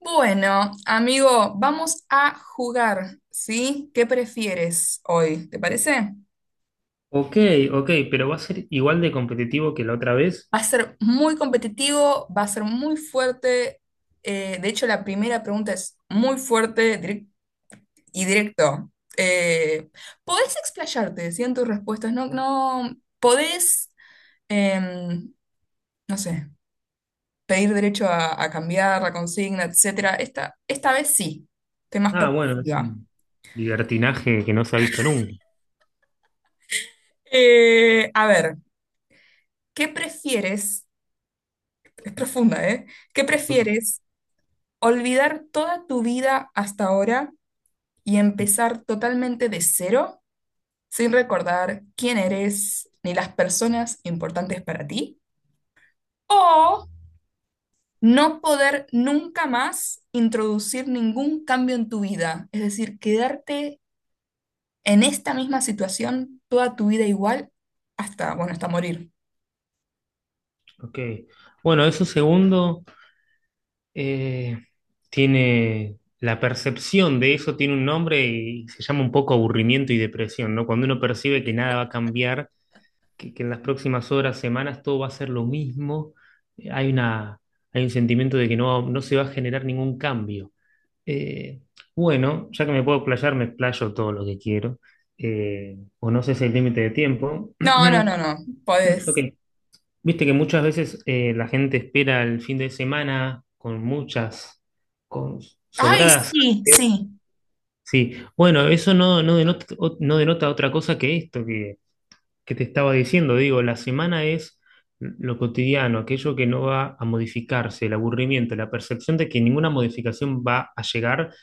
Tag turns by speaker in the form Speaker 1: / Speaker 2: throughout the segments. Speaker 1: Bueno, amigo, vamos a jugar, ¿sí? ¿Qué prefieres hoy? ¿Te parece?
Speaker 2: Ok, ok, pero va a ser igual de competitivo que la otra vez.
Speaker 1: Va a ser muy competitivo, va a ser muy fuerte. De hecho, la primera pregunta es muy fuerte y directo. Eh, Podés explayarte, ¿sí?, en tus respuestas. No, no, podés, em, no sé, pedir derecho a cambiar la consigna, etcétera. Esta vez sí, temas
Speaker 2: Ah, bueno, es
Speaker 1: perspectiva.
Speaker 2: un libertinaje que no se ha visto nunca.
Speaker 1: A ver, ¿qué prefieres? Es profunda, ¿eh? ¿Qué
Speaker 2: Opa.
Speaker 1: prefieres? ¿Olvidar toda tu vida hasta ahora y empezar totalmente de cero, sin recordar quién eres ni las personas importantes para ti? ¿O no poder nunca más introducir ningún cambio en tu vida? Es decir, quedarte en esta misma situación toda tu vida igual hasta, bueno, hasta morir.
Speaker 2: Ok. Bueno, eso segundo eh, tiene la percepción de eso tiene un nombre y se llama un poco aburrimiento y depresión, ¿no? Cuando uno percibe que nada va a cambiar, que en las próximas horas, semanas todo va a ser lo mismo, hay una, hay un sentimiento de que no, no se va a generar ningún cambio. Eh, bueno, ya que me puedo explayar, me explayo todo lo que quiero. O no sé si el límite de tiempo.
Speaker 1: No, no, no, no.
Speaker 2: Ok,
Speaker 1: Podés.
Speaker 2: viste que muchas veces la gente espera el fin de semana con muchas, con
Speaker 1: ¡Ay,
Speaker 2: sobradas.
Speaker 1: sí, sí!
Speaker 2: Sí, bueno, eso no, no denota, no denota otra cosa que esto que te estaba diciendo. Digo, la semana es lo cotidiano, aquello que no va a modificarse, el aburrimiento, la percepción de que ninguna modificación va a llegar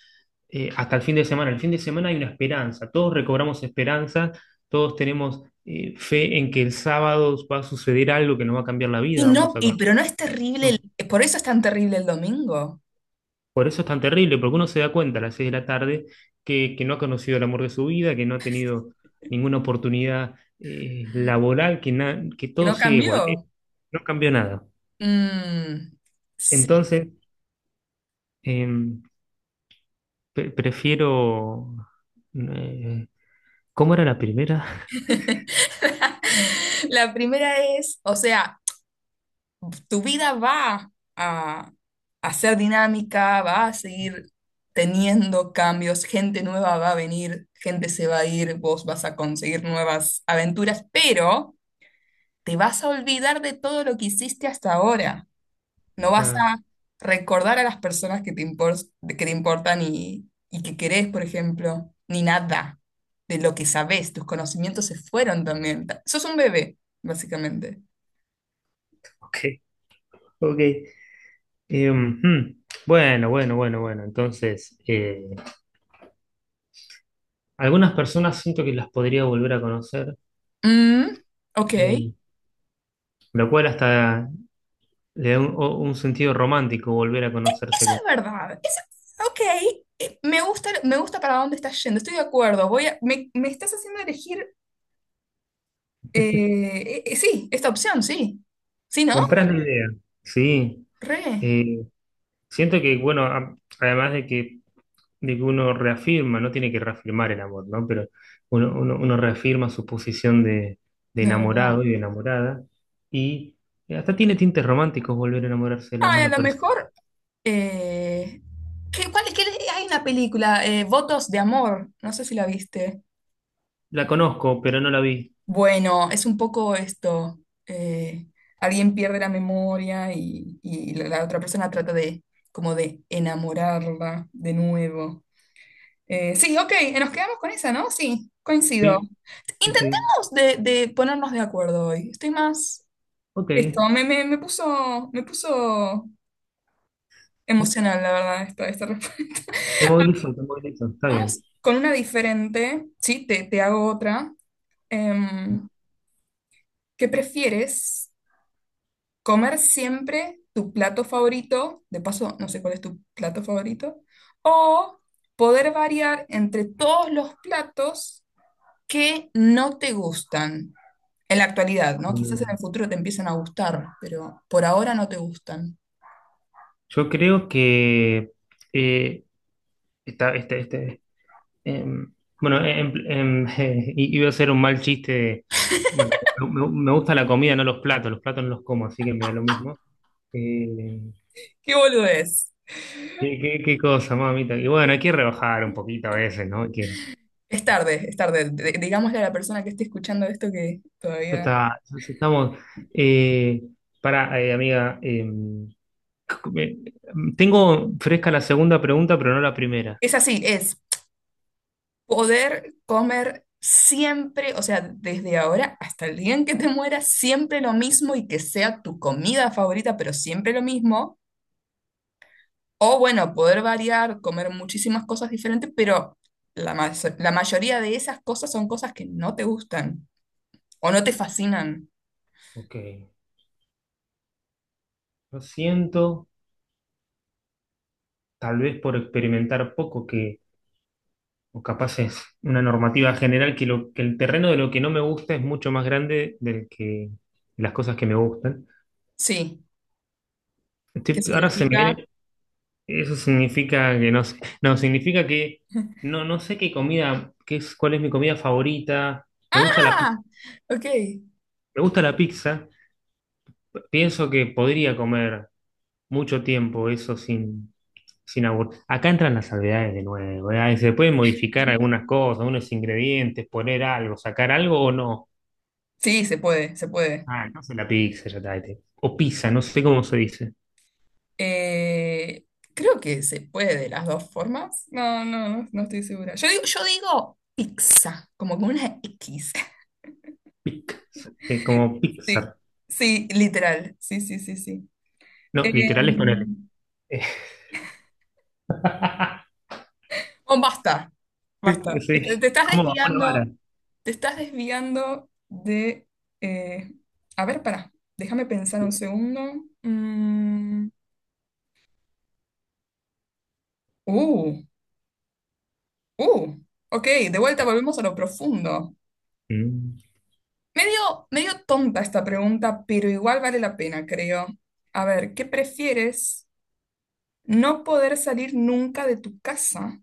Speaker 2: hasta el fin de semana. El fin de semana hay una esperanza, todos recobramos esperanza, todos tenemos fe en que el sábado va a suceder algo que nos va a cambiar la
Speaker 1: Y
Speaker 2: vida, vamos
Speaker 1: no,
Speaker 2: a
Speaker 1: y,
Speaker 2: conocer.
Speaker 1: pero no es terrible,
Speaker 2: No.
Speaker 1: por eso es tan terrible el domingo,
Speaker 2: Por eso es tan terrible, porque uno se da cuenta a las seis de la tarde que no ha conocido el amor de su vida, que no ha tenido ninguna oportunidad laboral, que
Speaker 1: que
Speaker 2: todo
Speaker 1: no
Speaker 2: sigue igual.
Speaker 1: cambió.
Speaker 2: No cambió nada.
Speaker 1: Mm, sí.
Speaker 2: Entonces, em, prefiero... eh, ¿cómo era la primera?
Speaker 1: La primera es, o sea, tu vida va a ser dinámica, va a seguir teniendo cambios, gente nueva va a venir, gente se va a ir, vos vas a conseguir nuevas aventuras, pero te vas a olvidar de todo lo que hiciste hasta ahora. No vas
Speaker 2: Ah,
Speaker 1: a recordar a las personas que que te importan y que querés, por ejemplo, ni nada de lo que sabés. Tus conocimientos se fueron también. Sos un bebé, básicamente.
Speaker 2: ok, ok. Ujú. Bueno, bueno, bueno, bueno. Entonces, algunas personas siento que las podría volver a conocer,
Speaker 1: Mm, ok. Eso
Speaker 2: eh, lo cual hasta le da un sentido romántico volver a conocerse.
Speaker 1: es verdad. Ok. Me gusta para dónde estás yendo. Estoy de acuerdo. Me estás haciendo elegir. Sí, esta opción, sí. Sí, ¿no?
Speaker 2: Comprás la idea. Sí.
Speaker 1: Re.
Speaker 2: Eh, Siento que, bueno, además de que uno reafirma, no tiene que reafirmar el amor, ¿no? Pero uno reafirma su posición de
Speaker 1: No, de verdad.
Speaker 2: enamorado y de enamorada. Y hasta tiene tintes románticos volver a enamorarse de la
Speaker 1: Ay, a
Speaker 2: misma
Speaker 1: lo
Speaker 2: persona.
Speaker 1: mejor. Eh, ¿qué, cuál- qué- Hay una película, Votos de Amor, no sé si la viste.
Speaker 2: La conozco, pero no la vi.
Speaker 1: Bueno, es un poco esto, eh, alguien pierde la memoria y la otra persona trata de como de enamorarla de nuevo. Sí, ok, nos quedamos con esa, ¿no? Sí, coincido.
Speaker 2: Sí, sí, sí.
Speaker 1: Intentemos de ponernos de acuerdo hoy. Estoy más.
Speaker 2: Ok.
Speaker 1: Esto, me puso emocional, la verdad, esta.
Speaker 2: Te movilizó, te movilizó. Está bien.
Speaker 1: Vamos con una diferente, sí, te hago otra. Em, ¿Qué prefieres? ¿Comer siempre tu plato favorito? De paso, no sé cuál es tu plato favorito. ¿O poder variar entre todos los platos que no te gustan? En la actualidad, ¿no?
Speaker 2: Eh,
Speaker 1: Quizás en el futuro te empiecen a gustar, pero por ahora no te gustan.
Speaker 2: yo creo que eh, está, este, este, em, bueno, iba a ser un mal chiste de... bueno, me gusta la comida, no los platos. Los platos no los como, así que me da lo mismo. Eh,
Speaker 1: ¿Qué boludo es?
Speaker 2: qué cosa, mamita. Y bueno, hay que rebajar un poquito a veces, ¿no? Hay que
Speaker 1: Es tarde, es tarde. Digámosle a la persona que esté escuchando esto que
Speaker 2: esto
Speaker 1: todavía.
Speaker 2: está, estamos, eh, para, amiga, me- tengo fresca la segunda pregunta, pero no la primera.
Speaker 1: Es así, es. Poder comer siempre, o sea, desde ahora hasta el día en que te mueras, siempre lo mismo y que sea tu comida favorita, pero siempre lo mismo. O bueno, poder variar, comer muchísimas cosas diferentes, pero la, ma- la mayoría de esas cosas son cosas que no te gustan o no te fascinan.
Speaker 2: Ok, lo siento, tal vez por experimentar poco, que, o capaz es una normativa general, que, lo, que el terreno de lo que no me gusta es mucho más grande del que las cosas que me gustan.
Speaker 1: Sí, ¿qué
Speaker 2: Estoy... ahora se me
Speaker 1: significa?
Speaker 2: viene, eso significa que no sé, no, significa que no, no sé qué comida, qué es, cuál es mi comida favorita. Me gusta la, pi-
Speaker 1: Ah, ok.
Speaker 2: me gusta la pizza. Pienso que podría comer mucho tiempo eso sin... Acá entran las salvedades de nuevo, ¿verdad? Y se pueden modificar algunas cosas, unos ingredientes, poner algo, sacar algo o no.
Speaker 1: Sí, se puede, se puede.
Speaker 2: Ah, entonces la pizza ya está. Este. O pizza, no sé cómo se dice.
Speaker 1: Eh, Creo que se puede de las dos formas. No, no, no, no estoy segura. Yo digo pizza, como con una X.
Speaker 2: Pizza, sí, como
Speaker 1: Sí,
Speaker 2: Pixar.
Speaker 1: sí, literal. Sí, sí, sí, sí. Eh,
Speaker 2: No, literal es con L. Eh,
Speaker 1: bueno, basta, basta. Te,
Speaker 2: sí,
Speaker 1: te estás
Speaker 2: ¿cómo bajó la vara?
Speaker 1: desviando, de. eh, a ver, pará, déjame pensar un
Speaker 2: Sí.
Speaker 1: segundo. Uh, uh, ok, de vuelta volvemos a lo profundo.
Speaker 2: Mm.
Speaker 1: Medio, medio tonta esta pregunta, pero igual vale la pena, creo. A ver, ¿qué prefieres? ¿No poder salir nunca de tu casa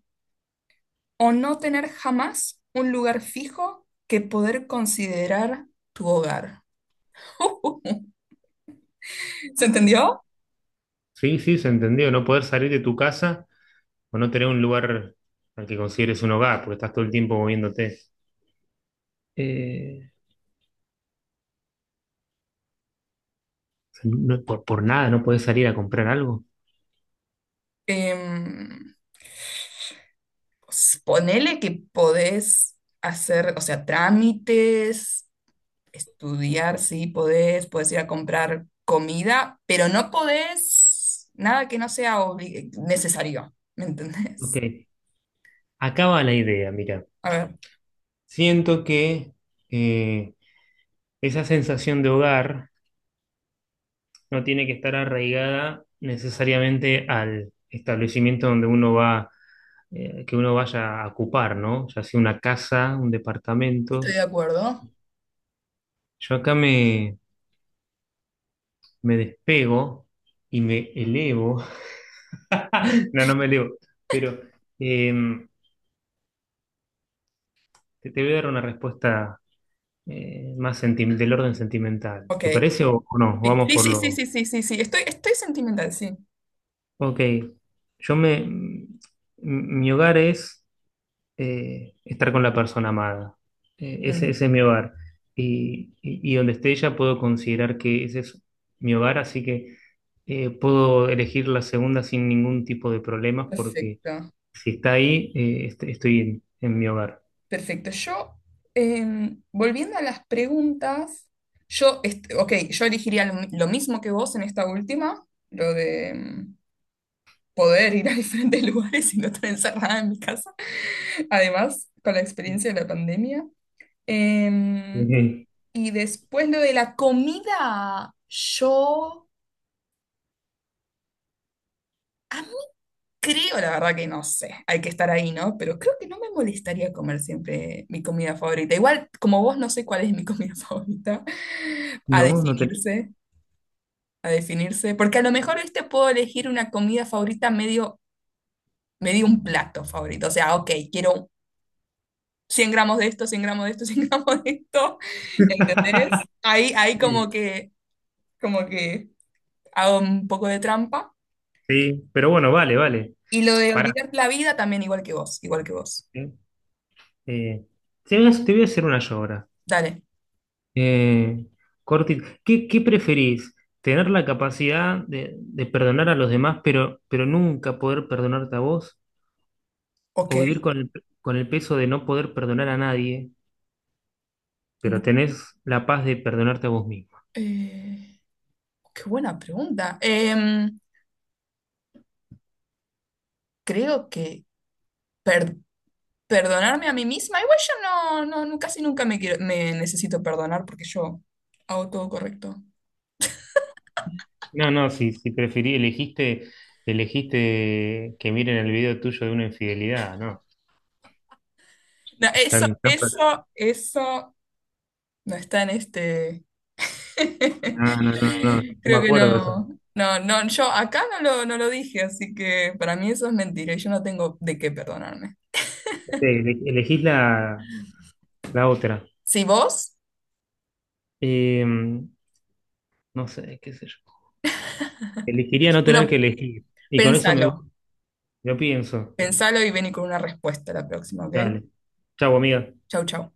Speaker 1: o no tener jamás un lugar fijo que poder considerar tu hogar? ¿Se entendió?
Speaker 2: Sí, sí, se entendió. No poder salir de tu casa o no tener un lugar al que consideres un hogar, porque estás todo el tiempo moviéndote. Eh, O sea, no, por nada no puedes salir a comprar algo.
Speaker 1: Em, pues, ponele que podés hacer, o sea, trámites, estudiar, sí, podés ir a comprar comida, pero no podés nada que no sea necesario, ¿me
Speaker 2: Ok,
Speaker 1: entendés?
Speaker 2: acá va la idea, mira.
Speaker 1: A ver,
Speaker 2: Siento que eh, esa sensación de hogar no tiene que estar arraigada necesariamente al establecimiento donde uno va, que uno vaya a ocupar, ¿no? Ya sea una casa, un
Speaker 1: estoy
Speaker 2: departamento.
Speaker 1: de acuerdo.
Speaker 2: Yo acá me, me despego y me elevo. No, no me elevo, pero em, te voy a dar una respuesta más del orden sentimental.
Speaker 1: Ok.
Speaker 2: ¿Te parece o no?
Speaker 1: Sí,
Speaker 2: Vamos
Speaker 1: sí,
Speaker 2: por
Speaker 1: sí, sí,
Speaker 2: lo...
Speaker 1: sí, sí, sí, sí. Estoy sentimental, sí.
Speaker 2: Ok, yo me... m- mi hogar es estar con la persona amada. Ese,
Speaker 1: Mm,
Speaker 2: ese es mi hogar. Y donde esté ella puedo considerar que ese es mi hogar, así que puedo elegir la segunda sin ningún tipo de problemas porque
Speaker 1: perfecto,
Speaker 2: si está ahí, estoy en mi hogar.
Speaker 1: perfecto. Yo, volviendo a las preguntas, ok, yo elegiría lo mismo que vos en esta última, lo de poder ir a diferentes lugares y no estar encerrada en mi casa. Además, con la experiencia de la pandemia. Em,
Speaker 2: Eh,
Speaker 1: y después lo de la comida, yo a mí creo, la verdad que no sé, hay que estar ahí, ¿no? Pero creo que no me molestaría comer siempre mi comida favorita. Igual, como vos, no sé cuál es mi comida favorita, a
Speaker 2: no, no tenés.
Speaker 1: definirse, a definirse, porque a lo mejor este puedo elegir una comida favorita medio, medio un plato favorito. O sea, ok, quiero 100 gramos de esto, 100 gramos de esto, 100 gramos de esto, ¿entendés? Ahí,
Speaker 2: Sí,
Speaker 1: como que hago un poco de trampa.
Speaker 2: sí, pero bueno, vale, vale.
Speaker 1: Y lo de
Speaker 2: Pará.
Speaker 1: olvidar la vida también igual que vos, igual que vos.
Speaker 2: Eh. Eh, te voy a hacer una yo ahora.
Speaker 1: Dale.
Speaker 2: Eh, qué preferís? ¿Tener la capacidad de perdonar a los demás, pero nunca poder perdonarte a vos?
Speaker 1: Ok.
Speaker 2: ¿O vivir con el peso de no poder perdonar a nadie,
Speaker 1: No,
Speaker 2: pero tenés la paz de perdonarte a vos mismo?
Speaker 1: eh, qué buena pregunta. Creo que per- perdonarme a mí misma, igual yo casi nunca me necesito perdonar porque yo hago todo correcto.
Speaker 2: No, no, si preferí, elegiste, elegiste que miren el video tuyo de una infidelidad, ¿no?
Speaker 1: No, eso,
Speaker 2: Están, tan
Speaker 1: eso, eso no está en este
Speaker 2: no, no, no, no, no me
Speaker 1: Creo que
Speaker 2: acuerdo de esa.
Speaker 1: no, yo acá no lo dije, así que para mí eso es mentira y yo no tengo de qué perdonarme.
Speaker 2: Sí, elegís la, la otra.
Speaker 1: Si vos,
Speaker 2: Eh, No sé, qué sé yo. Elegiría no tener que
Speaker 1: uno,
Speaker 2: elegir. Y con eso me
Speaker 1: pensalo,
Speaker 2: gusta. Lo pienso.
Speaker 1: pensalo y vení con una respuesta la próxima, ¿ok?
Speaker 2: Dale. Chau, amiga.
Speaker 1: Chau, chau.